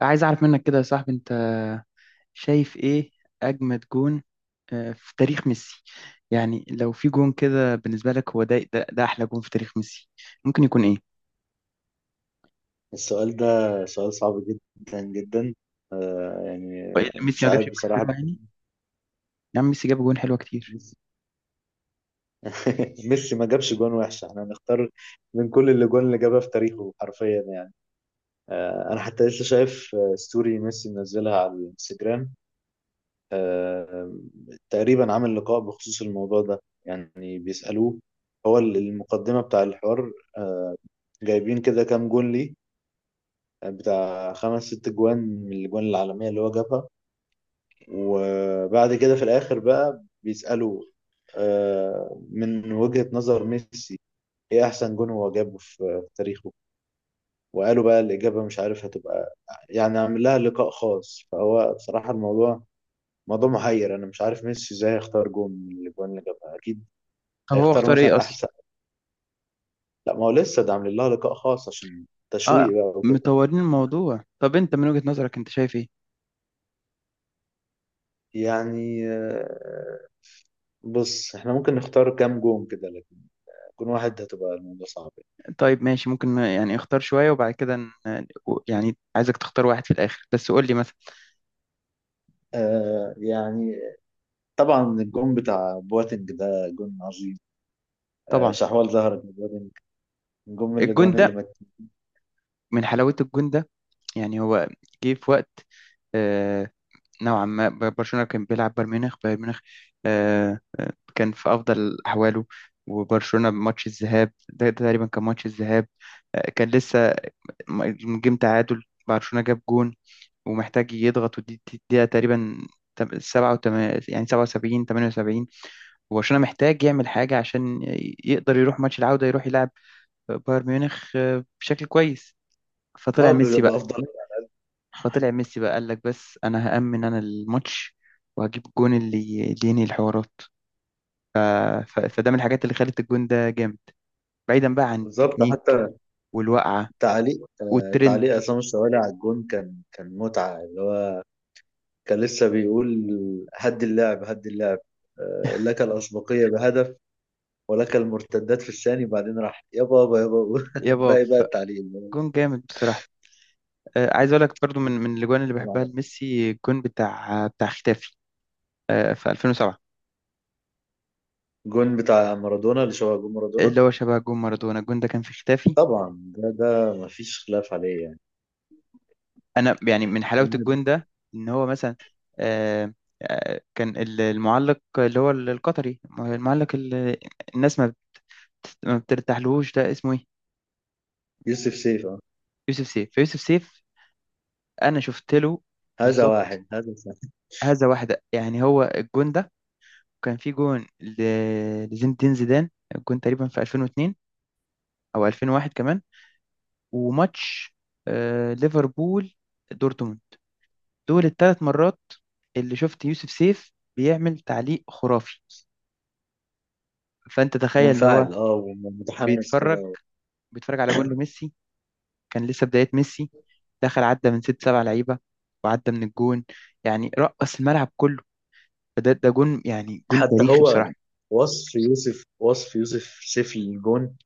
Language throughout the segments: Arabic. عايز اعرف منك كده يا صاحبي، انت شايف ايه اجمد جون في تاريخ ميسي؟ يعني لو في جون كده بالنسبه لك، هو ده احلى جون في تاريخ ميسي ممكن يكون ايه؟ السؤال ده سؤال صعب جدا جدا. يعني وإيه اللي ميسي مش ما جابش عارف جون بصراحة. حلو يعني؟ يا عم ميسي جاب جون حلوه كتير. ميسي ما جابش جون وحش، احنا هنختار من كل اللي جون اللي جابها في تاريخه حرفيا يعني. انا حتى لسه شايف ستوري ميسي منزلها على الانستجرام. آه تقريبا عامل لقاء بخصوص الموضوع ده، يعني بيسألوه هو المقدمة بتاع الحوار. آه، جايبين كده كام جون ليه؟ بتاع خمس ست جوان من الجوان العالمية اللي هو جابها، وبعد كده في الآخر بقى بيسألوا من وجهة نظر ميسي ايه احسن جون هو جابه في تاريخه. وقالوا بقى الإجابة مش عارف هتبقى، يعني عامل لها لقاء خاص. فهو بصراحة الموضوع موضوع محير، انا مش عارف ميسي ازاي هيختار جون من الاجوان اللي جابها. اكيد طب هو هيختار اختار ايه مثلا اصلا؟ احسن. لا، ما هو لسه ده عامل لها لقاء خاص عشان اه، تشويق بقى وكده. مطورين الموضوع. طب انت من وجهة نظرك انت شايف ايه؟ يعني بص، احنا ممكن نختار كام جون كده لكن جون واحد هتبقى الموضوع صعب. طيب ماشي، ممكن يعني اختار شويه وبعد كده يعني عايزك تختار واحد في الاخر بس قول لي مثلا. آه يعني طبعا الجون بتاع بواتنج ده جون عظيم. طبعا شحوال ظهرت لبواتنج، جون من الجون الاجوان اللي ده، من حلاوه الجون ده يعني، هو جه في وقت آه، نوعا ما، برشلونة كان بيلعب بايرن ميونخ، كان في أفضل أحواله. وبرشلونة ماتش الذهاب، ده تقريبا كان ماتش الذهاب، كان لسه جيم. تعادل برشلونة، جاب جون، ومحتاج يضغط، دقيقة تقريبا، تم- سبعة وتم- يعني سبعة وسبعين، تمانية وسبعين. وبرشلونة محتاج يعمل حاجة عشان يقدر يروح ماتش العودة، يروح يلعب بايرن ميونخ بشكل كويس. فطلع اه، ميسي بافضليه. فطلع ميسي بقى قال لك بس انا هأمن انا الماتش، وهجيب الجون اللي ينهي الحوارات. فده من الحاجات اللي خلت الجون ده جامد، بعيدا بقى عن بالظبط. التكنيك حتى والوقعة تعليق، والترند. تعليق عصام الشوالي على الجون كان متعه، اللي هو كان لسه بيقول: هد اللعب هد اللعب، لك الاسبقيه بهدف ولك المرتدات في الثاني، بعدين راح يابا يابا يابا. يا باب، باقي بقى التعليق اللي هو فجون جامد بصراحة. عايز اقول لك برضو، من جون، الاجوان اللي جون بحبها عالمي. لميسي، الجون بتاع ختافي في 2007، جون بتاع مارادونا اللي شبه جون مارادونا. اللي هو شبه جون مارادونا، الجون ده كان في ختافي. طبعا ده مفيش خلاف عليه يعني. انا يعني من حلاوة لاعب. الجون ده، ان هو مثلا آه، كان المعلق اللي هو القطري، المعلق الناس ما بترتاحلهوش، ده اسمه ايه؟ يوسف سيف، آه. يوسف سيف. فيوسف سيف انا شفت له، هذا بالظبط، واحد هذا ثاني. هذا واحده يعني. هو الجون ده كان في جون لزين الدين زيدان، الجون تقريبا في 2002 او 2001 كمان. وماتش ليفربول دورتموند، دول الثلاث مرات اللي شفت يوسف سيف بيعمل تعليق خرافي. فانت تخيل ان هو منفعل، اه، ومتحمس بيتفرج، كده. بيتفرج على جون لميسي، كان لسه بدايه ميسي، دخل عدى من ست سبع لعيبه وعدى من الجون، يعني رقص الملعب كله. فده جون يعني، جون حتى تاريخي هو بصراحة. وصف يوسف سيف الجون،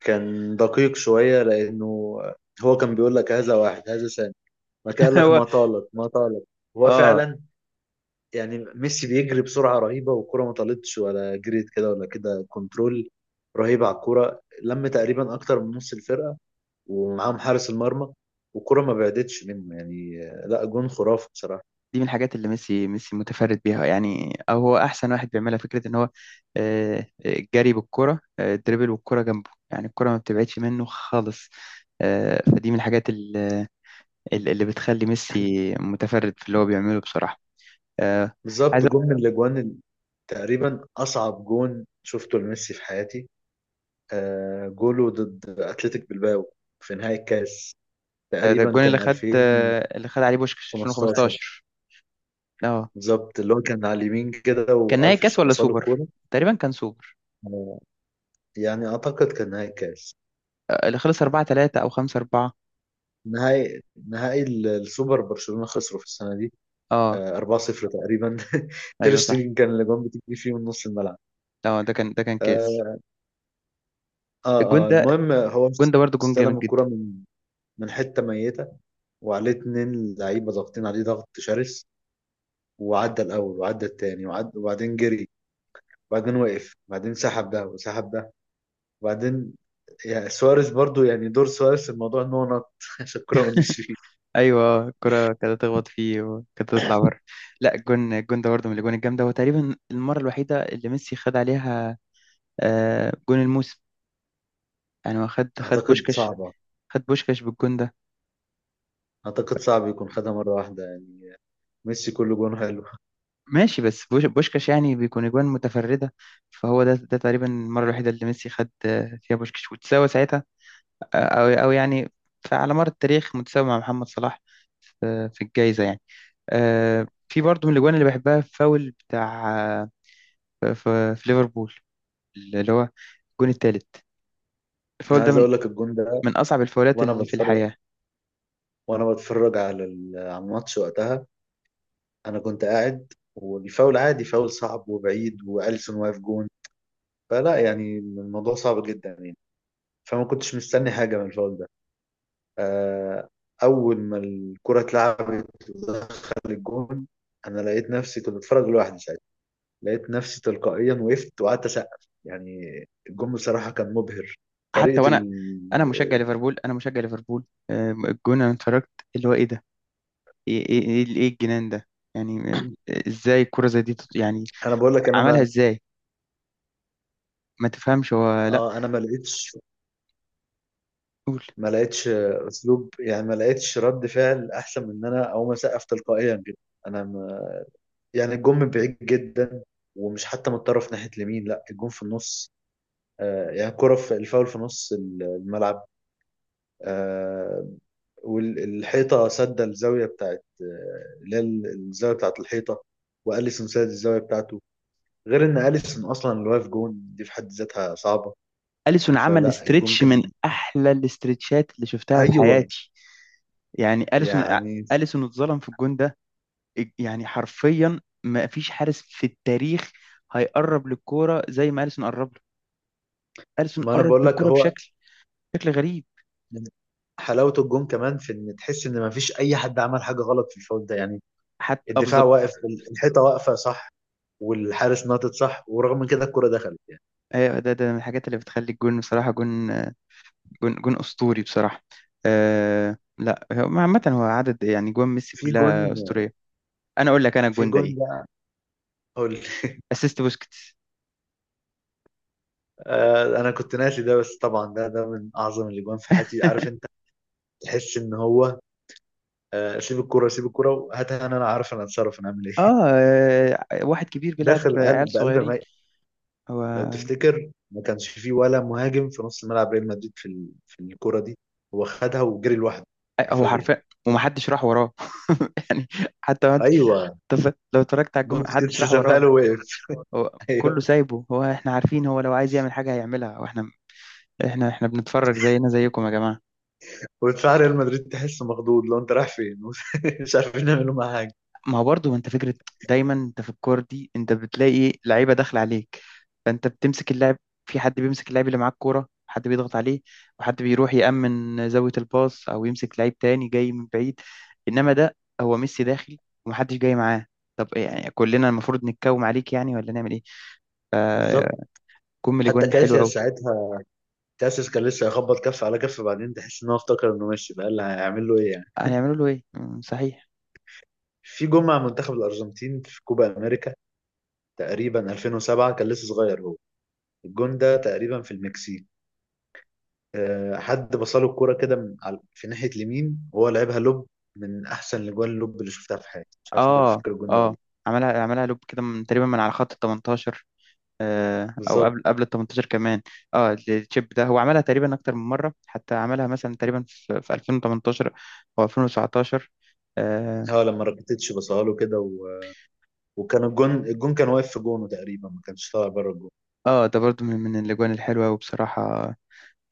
كان دقيق شوية، لأنه هو كان بيقول لك: هذا واحد هذا ثاني، ما كان قال لك هو، ما طالت ما طالت. هو اه، فعلا، يعني ميسي بيجري بسرعة رهيبة والكرة ما طالتش ولا جريت كده ولا كده. كنترول رهيب على الكرة، لم تقريبا أكتر من نص الفرقة ومعاهم حارس المرمى، والكرة ما بعدتش منه يعني. لا، جون خرافي بصراحة. دي من الحاجات اللي ميسي متفرد بيها، يعني او هو احسن واحد بيعملها، فكرة ان هو الجري بالكرة، الدريبل والكرة جنبه، يعني الكرة ما بتبعدش منه خالص. فدي من الحاجات اللي بتخلي ميسي متفرد في اللي هو بيعمله بصراحة. آه، عايز بالظبط، أقول- جون من الاجوان. تقريبا أصعب جون شفته لميسي في حياتي، جوله ضد أتلتيك بلباو في نهائي الكاس. آه، ده تقريبا الجون اللي كان خد، اللي خد عليه بوشكش 2015. 2015. اه، بالظبط، اللي هو كان على اليمين كده كان نهائي كاس وألفيش ولا بصاله سوبر؟ كورة. تقريبا كان سوبر. آه، يعني أعتقد كان نهائي الكاس. اللي خلص 4 3 او 5 4. نهائي، نهائي السوبر. برشلونة خسروا في السنة دي اه، 4-0 تقريبا. تير ايوه صح. شتيجن كان الأجوان بتجي فيه من نص الملعب. اه، ده كان ده كان كاس. اه، الجون اه. ده، المهم هو الجون ده برضه جون جامد استلم الكرة جدا. من حتة ميتة، وعليه اتنين لعيبة ضاغطين عليه ضغط شرس، وعدى الأول وعدى التاني وبعدين جري، وبعدين وقف، وبعدين سحب ده وسحب ده، وبعدين يعني سواريز برضو، يعني دور سواريز في الموضوع إن هو نط عشان الكورة ما تجيش فيه. ايوه الكرة كانت تخبط فيه وكانت تطلع بره. لا، الجون، الجون ده برضه من الاجوان الجامده، هو تقريبا المره الوحيده اللي ميسي خد عليها جون الموسم، يعني هو خد أعتقد بوشكاش، صعبة. خد بوشكاش بالجون ده. أعتقد صعب يكون خدها مرة واحدة يعني، ميسي كل جون حلو. ماشي، بس بوشكاش يعني بيكون اجوان متفرده، فهو ده تقريبا المره الوحيده اللي ميسي خد فيها بوشكاش وتساوى ساعتها آه، او او يعني، فعلى مر التاريخ متساوي مع محمد صلاح في الجائزه يعني. في برضه من الاجوان اللي بحبها، فاول بتاع آه، ف- ف- في ليفربول، اللي هو الجون الثالث. أنا الفاول ده عايز من أقول لك الجون ده، اصعب الفاولات وأنا اللي في بتفرج، الحياه. وأنا بتفرج على على الماتش وقتها. أنا كنت قاعد والفاول عادي، فاول صعب وبعيد وأليسون واقف جون. فلا يعني الموضوع صعب جدا يعني، فما كنتش مستني حاجة من الفاول ده. آه، أول ما الكرة اتلعبت ودخل الجون، أنا لقيت نفسي كنت بتفرج لوحدي ساعتها، لقيت نفسي تلقائيا وقفت وقعدت أسقف يعني. الجون بصراحة كان مبهر، حتى طريقة وانا، ال... انا مشجع ليفربول، الجون انا اتفرجت، اللي هو ايه ده، ايه ايه ايه إيه إيه الجنان ده؟ يعني ازاي الكره زي دي يعني أنا بقول لك، أنا عملها ما ازاي؟ ما تفهمش هو، لا، آه أنا ما لقيتش قول. ما لقيتش أسلوب. يعني ما لقيتش رد فعل أحسن من إن أنا أقوم أسقف تلقائيا كده. أنا يعني الجون من بعيد جدا، ومش حتى متطرف ناحية اليمين، لا الجون في النص. يعني كرة في الفاول في نص الملعب. آه والحيطة سد الزاوية بتاعت، اللي هي الزاوية بتاعت الحيطة. وأليسون سد الزاوية بتاعته. غير إن أليسون أصلا اللي واقف جون دي في حد ذاتها صعبة. اليسون عمل فلا الجون استريتش كان. من احلى الاستريتشات اللي شفتها في أيوه. حياتي، يعني اليسون، يعني اليسون اتظلم في الجون ده. يعني حرفيا ما فيش حارس في التاريخ هيقرب للكوره زي ما اليسون قرب له. اليسون ما أنا قرب بقول لك، للكوره هو بشكل، شكل غريب. حلاوة الجون كمان في إن تحس إن ما فيش أي حد عمل حاجة غلط في الفاول ده يعني. حتى اه، الدفاع بالظبط. واقف، الحيطة واقفة صح، والحارس نطت صح، ورغم من كده الكرة دخلت يعني. ايوه، ده من الحاجات اللي بتخلي الجون بصراحه جون، جون اسطوري بصراحه. آه لا، هو عامه هو عدد يعني جوان ميسي في كلها جون، اسطوريه. انا اقول لك انا في الجون ده جون ايه: بقى، هو اسيست بوسكيتس. انا كنت ناسي ده، بس طبعا ده من اعظم الاجوان في حياتي، عارف انت. تحس ان هو سيب الكرة، سيب الكرة وهاتها، انا عارف، انا اتصرف، انا اعمل ايه؟ اه، واحد كبير بيلعب داخل قلب عيال قلب صغيرين. ميت. لو هو، تفتكر ما كانش فيه ولا مهاجم في نص ملعب ريال مدريد في الكرة دي. هو خدها وجري لوحده هو حرفيا. حرفيا، ومحدش راح وراه. يعني حتى. ايوه، طب لو اتفرجت على الجمله، حد بوسكيتس شرح سابها وراه؟ له، وقف. هو كله ايوه، سايبه، هو احنا عارفين هو لو عايز يعمل حاجه هيعملها، واحنا احنا بنتفرج زينا زيكم يا جماعه. ودفاع ريال مدريد تحسه مخضوض، لو انت رايح فين؟ مش عارفين نعمله معاه حاجة. ما هو برضه انت فكره، دايما انت في الكوره دي انت بتلاقي لعيبه داخله عليك، فانت بتمسك اللاعب، في حد بيمسك اللاعب اللي معاه الكوره، حد بيضغط عليه، وحد بيروح يأمن زاويه الباص او يمسك لعيب تاني جاي من بعيد. انما ده هو ميسي داخل ومحدش جاي معاه. طب إيه يعني، كلنا المفروض نتكوم عليك يعني ولا نعمل ايه؟ بالظبط. فكم الاجوان حتى الحلوه كاسياس قوي. ساعتها، كاسياس كان لسه يخبط كف على كف، بعدين تحس ان هو افتكر انه ماشي بقى، اللي هيعمل له ايه يعني. هيعملوا له ايه؟ مم، صحيح. في جون مع منتخب الارجنتين في كوبا امريكا، تقريبا 2007، كان لسه صغير هو. الجون ده تقريبا في المكسيك. أه، حد بصله الكرة كده من في ناحية اليمين وهو لعبها لوب. من احسن الاجوان اللوب اللي شفتها في حياتي، مش عارف انت اه، بتفكر الجون ده ولا لأ. اه، عملها لوب كده من تقريبا من على خط ال 18، او بالظبط. قبل ال 18 كمان. اه، التشيب ده هو عملها تقريبا اكتر من مره، حتى عملها مثلا تقريبا في 2018 او 2019. اه، اه، لما راكيتيتش بصها له كده و... وكان الجون، الجون كان واقف في جونه تقريبا، ما كانش طالع بره الجون. ده برضو من الاجوان الحلوه وبصراحه،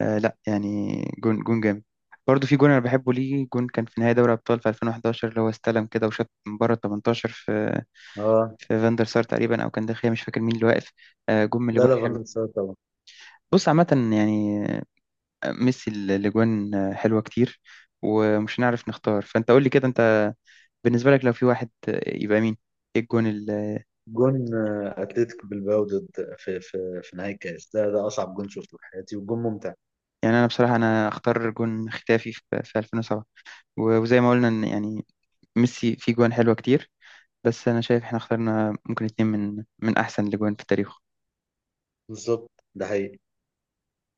آه لا يعني، جون جون جامد. برضو في جون انا بحبه ليه، جون كان في نهائي دوري ابطال في 2011، اللي هو استلم كده وشاط من بره ال 18 في اه، فاندر سار تقريبا، او كان داخل مش فاكر مين اللي واقف. جون من لا الاجوان. لا، فاندر سار. بص عامة يعني ميسي الأجوان حلوة كتير ومش هنعرف نختار. فأنت قول لي كده، أنت بالنسبة لك لو في واحد يبقى مين؟ إيه الجون جون اتلتيك بالباو ضد في نهائي الكاس، ده اصعب جون شفته في حياتي وجون ممتع. يعني أنا بصراحة أنا أختار جون ختافي في 2007، وزي ما قلنا إن يعني ميسي فيه جوان حلوة كتير، بس أنا شايف إحنا اخترنا ممكن اتنين من أحسن الأجوان في التاريخ بالظبط، ده حقيقي.